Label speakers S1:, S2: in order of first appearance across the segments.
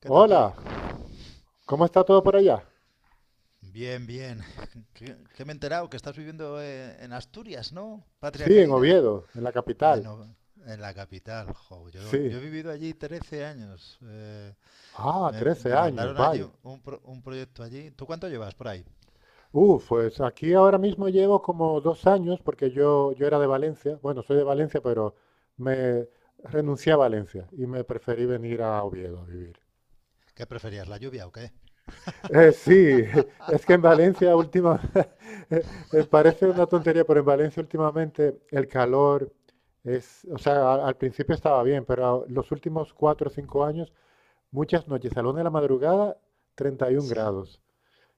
S1: ¿Qué tal,
S2: Hola,
S1: Tony?
S2: ¿cómo está todo por allá?
S1: Bien, bien. ¿Qué que me he enterado que estás viviendo en Asturias, ¿no? Patria
S2: Sí, en
S1: querida.
S2: Oviedo, en la capital.
S1: No, en la capital. Jo, yo
S2: Sí.
S1: he vivido allí 13 años.
S2: Ah,
S1: Me,
S2: 13
S1: me
S2: años,
S1: mandaron allí
S2: vaya.
S1: un proyecto allí. ¿Tú cuánto llevas por ahí?
S2: Uf, pues aquí ahora mismo llevo como 2 años porque yo era de Valencia. Bueno, soy de Valencia, pero me renuncié a Valencia y me preferí venir a Oviedo a vivir.
S1: ¿Qué preferías, la lluvia o qué?
S2: Sí, es que en Valencia última, eh, parece una tontería, pero en Valencia últimamente el calor es, o sea, principio estaba bien, pero los últimos 4 o 5 años. Muchas noches, a la una de la madrugada, 31
S1: Sí.
S2: grados.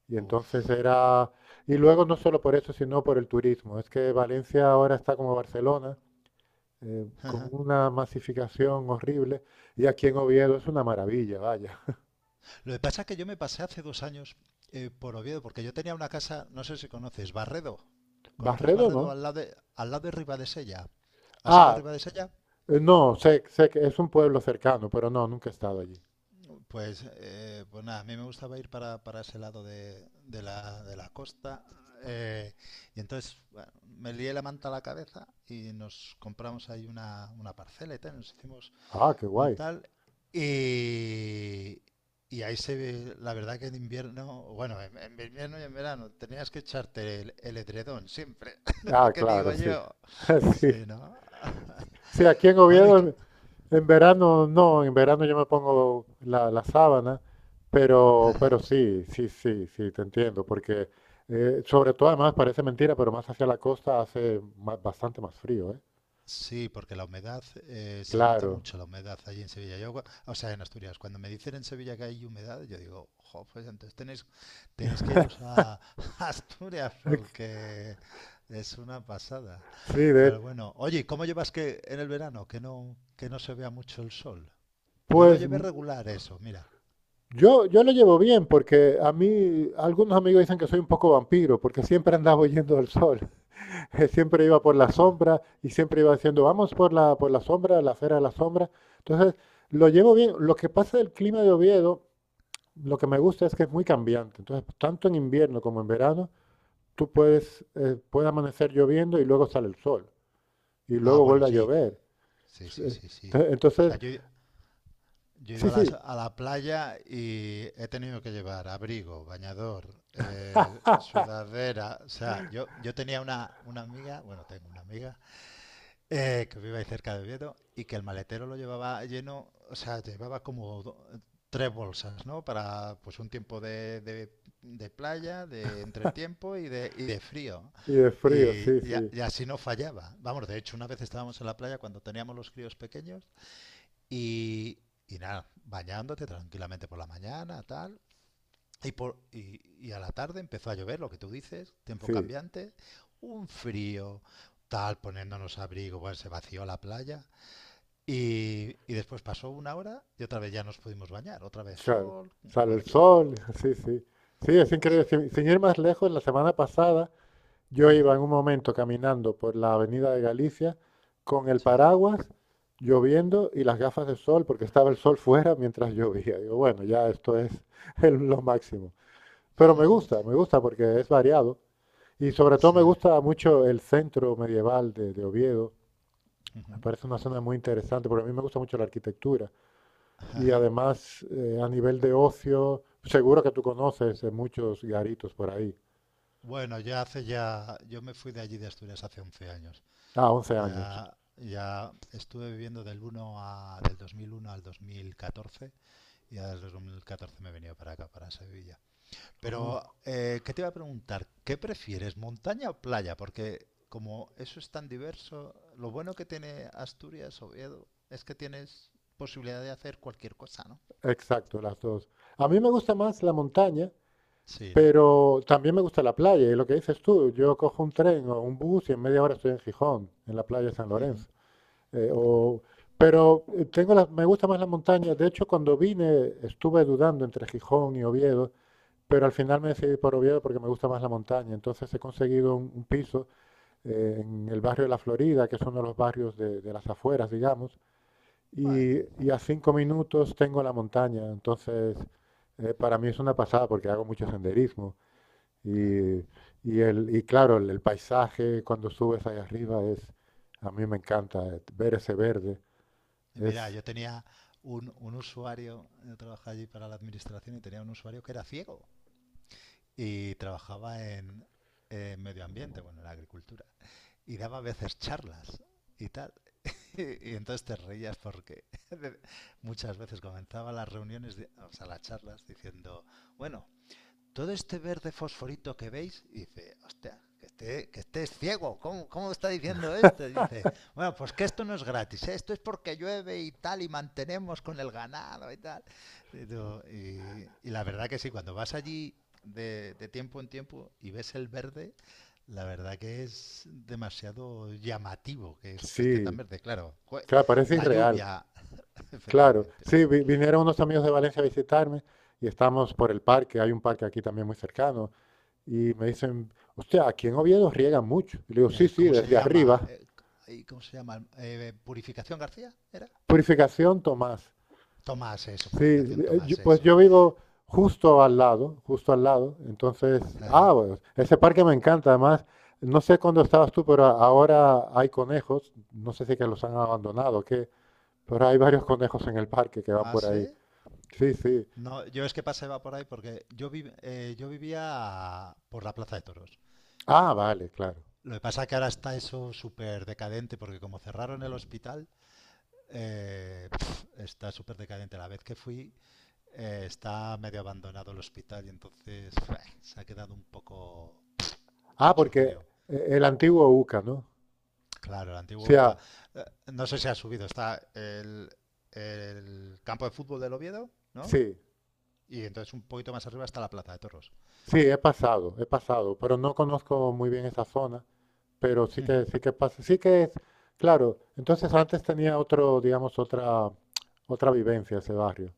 S2: Y entonces
S1: Uf.
S2: era… Y luego no solo por eso, sino por el turismo. Es que Valencia ahora está como Barcelona, con una masificación horrible. Y aquí en Oviedo es una maravilla, vaya.
S1: Lo que pasa es que yo me pasé hace 2 años por Oviedo, porque yo tenía una casa, no sé si conoces, Barredo. ¿Conoces
S2: Barredo no.
S1: Barredo al lado de Ribadesella? ¿Has ido a
S2: Ah,
S1: Ribadesella?
S2: no, sé que es un pueblo cercano, pero no, nunca he estado allí.
S1: Pues, nada, a mí me gustaba ir para ese lado de la costa. eh, y entonces, bueno, me lié la manta a la cabeza y nos compramos ahí una parcela y tal, nos hicimos
S2: Ah, qué
S1: un
S2: guay.
S1: tal. Y, y ahí se ve, la verdad que en invierno, bueno, en invierno y en verano tenías que echarte el edredón siempre,
S2: Ah,
S1: que digo
S2: claro, sí.
S1: yo.
S2: Sí,
S1: Sí, ¿no?
S2: sí, aquí en
S1: Bueno, y que...
S2: Oviedo en verano no, en verano yo me pongo la sábana, pero, pero sí, sí, sí, sí, te entiendo, porque sobre todo además parece mentira, pero más hacia la costa hace bastante más frío, ¿eh?
S1: Sí, porque la humedad, se nota
S2: Claro.
S1: mucho la humedad allí en Sevilla. O sea, en Asturias, cuando me dicen en Sevilla que hay humedad, yo digo, jo, pues entonces tenéis, que iros a Asturias porque es una pasada.
S2: Sí,
S1: Pero bueno, oye, ¿cómo llevas que en el verano que no se vea mucho el sol? Yo lo
S2: pues
S1: llevé
S2: m-
S1: regular eso, mira.
S2: yo lo llevo bien, porque a mí algunos amigos dicen que soy un poco vampiro, porque siempre andaba huyendo del sol, siempre iba por la
S1: Uh,
S2: sombra y siempre iba diciendo, vamos por la sombra, la acera de la sombra. Entonces, lo llevo bien. Lo que pasa del clima de Oviedo, lo que me gusta es que es muy cambiante. Entonces, tanto en invierno como en verano, puede amanecer lloviendo y luego sale el sol. Y
S1: Ah,
S2: luego
S1: bueno,
S2: vuelve a
S1: sí,
S2: llover.
S1: sí,
S2: Sí,
S1: sí, sí, sí.
S2: ento-
S1: O sea,
S2: Entonces,
S1: yo he ido
S2: sí,
S1: a las-
S2: sí.
S1: a la, playa y he tenido que llevar abrigo, bañador, sudadera. O sea, yo tenía una amiga, bueno, tengo una amiga, que vive ahí cerca de Oviedo y que el maletero lo llevaba lleno, o sea, llevaba como tres bolsas, ¿no? Para pues un tiempo de playa, de entretiempo y de frío.
S2: Y de frío,
S1: Y,
S2: sí,
S1: y a-
S2: sí,
S1: y así no fallaba. Vamos, de hecho, una vez estábamos en la playa cuando teníamos los críos pequeños. Y, y nada, bañándote tranquilamente por la mañana, tal. Y, por, y, y a la tarde empezó a llover, lo que tú dices, tiempo
S2: sí.
S1: cambiante, un frío, tal, poniéndonos abrigo, bueno, se vació la playa. Y después pasó una hora y otra vez ya nos pudimos bañar. Otra vez
S2: Claro.
S1: sol,
S2: Sale el
S1: buen tiempo.
S2: sol, sí, sí. Sí, es increíble.
S1: Eso.
S2: Sin ir más lejos, la semana pasada yo iba
S1: Ujú.
S2: en un momento caminando por la avenida de Galicia con el
S1: Sí,
S2: paraguas, lloviendo y las gafas de sol, porque estaba el sol fuera mientras llovía. Digo, bueno, ya esto es lo máximo. Pero
S1: ujú,
S2: me gusta porque es variado. Y sobre todo
S1: sí,
S2: me gusta mucho el centro medieval de Oviedo.
S1: ujú.
S2: Me parece una zona muy interesante, porque a mí me gusta mucho la arquitectura. Y además, a nivel de ocio, seguro que tú conoces muchos garitos por ahí.
S1: Bueno, yo me fui de allí de Asturias hace 11 años.
S2: Ah, 11 años.
S1: Ya estuve viviendo del 2001 al 2014, y ya desde el 2014 me he venido para acá, para Sevilla. Pero,
S2: Ah.
S1: ¿qué te iba a preguntar? ¿Qué prefieres, montaña o playa? Porque como eso es tan diverso, lo bueno que tiene Asturias, Oviedo, es que tienes posibilidad de hacer cualquier cosa, ¿no?
S2: Exacto, las dos. A mí me gusta más la montaña,
S1: Sí, ¿no?
S2: pero también me gusta la playa. Y lo que dices tú, yo cojo un tren o un bus y en media hora estoy en Gijón, en la playa de San
S1: Ujú.
S2: Lorenzo. Eh,
S1: Claro.
S2: o- pero tengo me gusta más la montaña. De hecho, cuando vine estuve dudando entre Gijón y Oviedo, pero al final me decidí por Oviedo porque me gusta más la montaña. Entonces he conseguido un piso en el barrio de La Florida, que es uno de los barrios de las afueras, digamos. Y,
S1: Bueno,
S2: y a 5 minutos tengo la montaña, entonces para mí es una pasada porque hago mucho senderismo.
S1: claro.
S2: Y, y claro, el paisaje cuando subes ahí arriba es, a mí me encanta ver ese verde.
S1: Y mira,
S2: Es,
S1: yo tenía un usuario. Yo trabajaba allí para la administración y tenía un usuario que era ciego, y trabajaba en medio ambiente, bueno, en la agricultura, y daba a veces charlas y tal. Y entonces te reías porque muchas veces comenzaba las reuniones, o sea, las charlas, diciendo, bueno, todo este verde fosforito que veis, dice, hostia, que estés ciego, ¿cómo está diciendo esto? Dice, bueno, pues que esto no es gratis, ¿eh? Esto es porque llueve y tal, y mantenemos con el ganado y tal. Y, y la verdad que sí, cuando vas allí de tiempo en tiempo y ves el verde, la verdad que es demasiado llamativo que esté tan
S2: sí,
S1: verde, claro.
S2: claro, parece
S1: La
S2: irreal.
S1: lluvia,
S2: Claro,
S1: efectivamente.
S2: sí, vinieron unos amigos de Valencia a visitarme y estamos por el parque, hay un parque aquí también muy cercano, y me dicen, hostia, aquí en Oviedo riegan mucho. Y le digo, sí, sí,
S1: ¿Cómo se
S2: desde
S1: llama?
S2: arriba.
S1: Ay, ¿cómo se llama? ¿Purificación García? ¿Era?
S2: Purificación Tomás.
S1: Tomás, eso.
S2: Sí,
S1: Purificación Tomás,
S2: pues
S1: eso.
S2: yo vivo justo al lado, justo al lado. Entonces, ah,
S1: Ajá.
S2: bueno, ese parque me encanta. Además, no sé cuándo estabas tú, pero ahora hay conejos. No sé si que los han abandonado, ¿qué? Pero hay varios conejos en el parque que van
S1: ¿Ah,
S2: por ahí.
S1: sí?
S2: Sí, sí.
S1: No, yo es que pasaba por ahí porque yo vivía por la Plaza de Toros.
S2: Ah, vale, claro.
S1: Lo que pasa es que ahora está eso súper decadente porque como cerraron el hospital, está súper decadente. La vez que fui, está medio abandonado el hospital, y entonces se ha quedado un poco
S2: Ah, porque
S1: chuchurrío.
S2: el antiguo UCA, ¿no?
S1: Claro, la antigua
S2: Sí,
S1: UCA.
S2: ah,
S1: Eh, No sé si ha subido, está el campo de fútbol del Oviedo, ¿no?
S2: sí,
S1: Y entonces un poquito más arriba está la Plaza de Toros.
S2: sí, he pasado, pero no conozco muy bien esa zona, pero sí que, sí que pasa, sí que es, claro. Entonces antes tenía otro, digamos, otra vivencia ese barrio.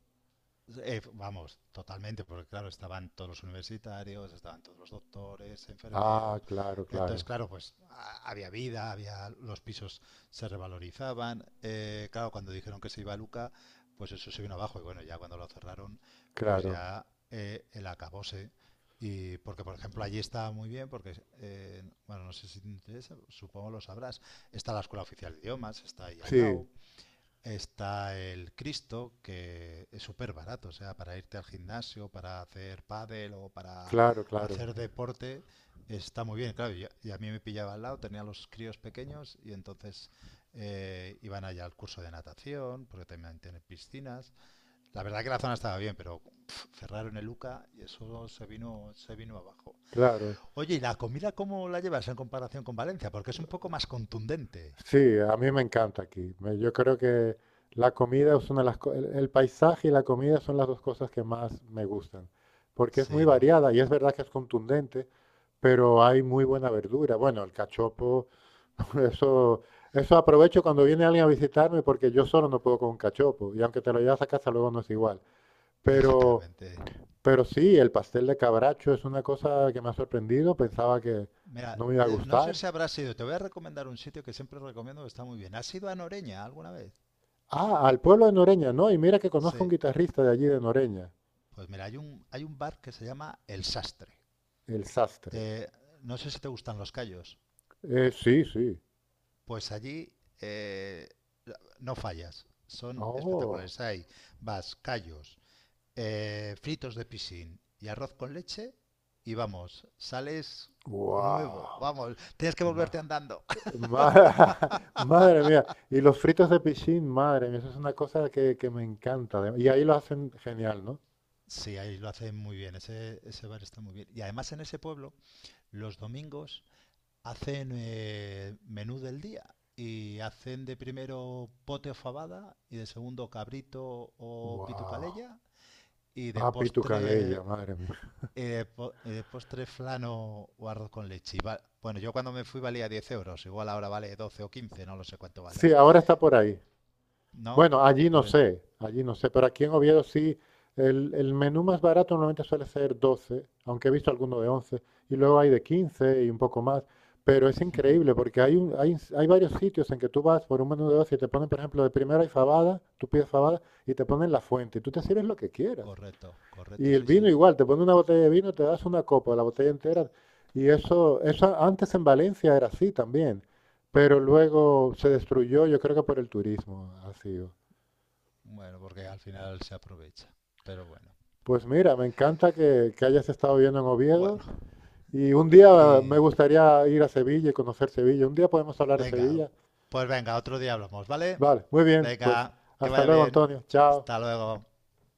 S1: Vamos, totalmente, porque claro, estaban todos los universitarios, estaban todos los doctores, enfermeros.
S2: Ah, claro,
S1: Entonces,
S2: claro,
S1: claro, pues había vida, había los pisos, se revalorizaban. Claro, cuando dijeron que se iba a Luca, pues eso se vino abajo. Y bueno, ya cuando lo cerraron, pues
S2: claro.
S1: ya el acabose. Y porque, por ejemplo, allí está muy bien, porque, bueno, no sé si te interesa, supongo lo sabrás, está la Escuela Oficial de Idiomas, está ahí al
S2: Sí,
S1: lado. Está el Cristo, que es súper barato, o sea, para irte al gimnasio, para hacer pádel o para
S2: claro, claro,
S1: hacer deporte, está muy bien. Claro, y a mí me pillaba al lado, tenía los críos pequeños y entonces, iban allá al curso de natación, porque también tienen piscinas. La verdad que la zona estaba bien, pero cerraron el UCA y eso se vino abajo.
S2: claro.
S1: Oye, ¿y la comida cómo la llevas en comparación con Valencia? Porque es un poco más contundente.
S2: Sí, a mí me encanta aquí. Yo creo que la comida es una de las co- el paisaje y la comida son las dos cosas que más me gustan, porque es muy
S1: Sí, ¿no?
S2: variada y es verdad que es contundente, pero hay muy buena verdura. Bueno, el cachopo, eso eso aprovecho cuando viene alguien a visitarme porque yo solo no puedo con un cachopo y aunque te lo llevas a casa luego no es igual. Pero
S1: Efectivamente.
S2: Sí, el pastel de cabracho es una cosa que me ha sorprendido. Pensaba que
S1: Mira,
S2: no me iba a
S1: no sé
S2: gustar.
S1: si habrás ido. Te voy a recomendar un sitio que siempre recomiendo que está muy bien. ¿Has ido a Noreña alguna vez?
S2: Ah, al pueblo de Noreña, no. Y mira que conozco a un
S1: Sí.
S2: guitarrista de allí de Noreña,
S1: Pues mira, hay un bar que se llama El Sastre.
S2: el Sastre.
S1: Eh, no sé si te gustan los callos.
S2: Sí, sí.
S1: Pues allí, eh, no fallas. Son
S2: Oh,
S1: espectaculares. Hay vas, callos, fritos de piscín y arroz con leche. Y vamos, sales nuevo.
S2: wow.
S1: Vamos, tienes que
S2: Ma-
S1: volverte andando.
S2: ma- madre mía. Y los fritos de pichín, madre mía. Eso es una cosa que me encanta. Y ahí lo hacen genial, ¿no?
S1: Sí, ahí lo hacen muy bien. Ese bar está muy bien. Y además en ese pueblo los domingos hacen, menú del día, y hacen de primero pote o fabada, y de segundo cabrito o
S2: Wow.
S1: pitucalella, y de
S2: Ah, Pitu Calella,
S1: postre,
S2: madre mía.
S1: postre flan o arroz con leche. Bueno, yo cuando me fui valía 10 euros, igual ahora vale 12 o 15, no lo sé cuánto
S2: Sí,
S1: valdrá.
S2: ahora está por ahí.
S1: No,
S2: Bueno,
S1: por el-
S2: allí no sé, pero aquí en Oviedo sí, el menú más barato normalmente suele ser 12, aunque he visto alguno de 11, y luego hay de 15 y un poco más, pero es increíble porque hay varios sitios en que tú vas por un menú de 12 y te ponen, por ejemplo, de primera y fabada, tú pides fabada y te ponen la fuente, y tú te sirves lo que quieras.
S1: correcto,
S2: Y
S1: correcto,
S2: el
S1: sí,
S2: vino
S1: sí.
S2: igual, te ponen una botella de vino, te das una copa, la botella entera, y eso antes en Valencia era así también, pero luego se destruyó, yo creo que por el turismo ha sido.
S1: Bueno, porque al final se aprovecha. Pero bueno.
S2: Pues mira, me encanta que hayas estado viviendo en Oviedo
S1: Bueno,
S2: y un día
S1: y
S2: me gustaría ir a Sevilla y conocer Sevilla. Un día podemos hablar de
S1: Venga,
S2: Sevilla.
S1: pues venga, otro día hablamos, ¿vale?
S2: Vale, muy bien, pues
S1: Venga, que
S2: hasta
S1: vaya
S2: luego,
S1: bien.
S2: Antonio. Chao.
S1: Hasta luego.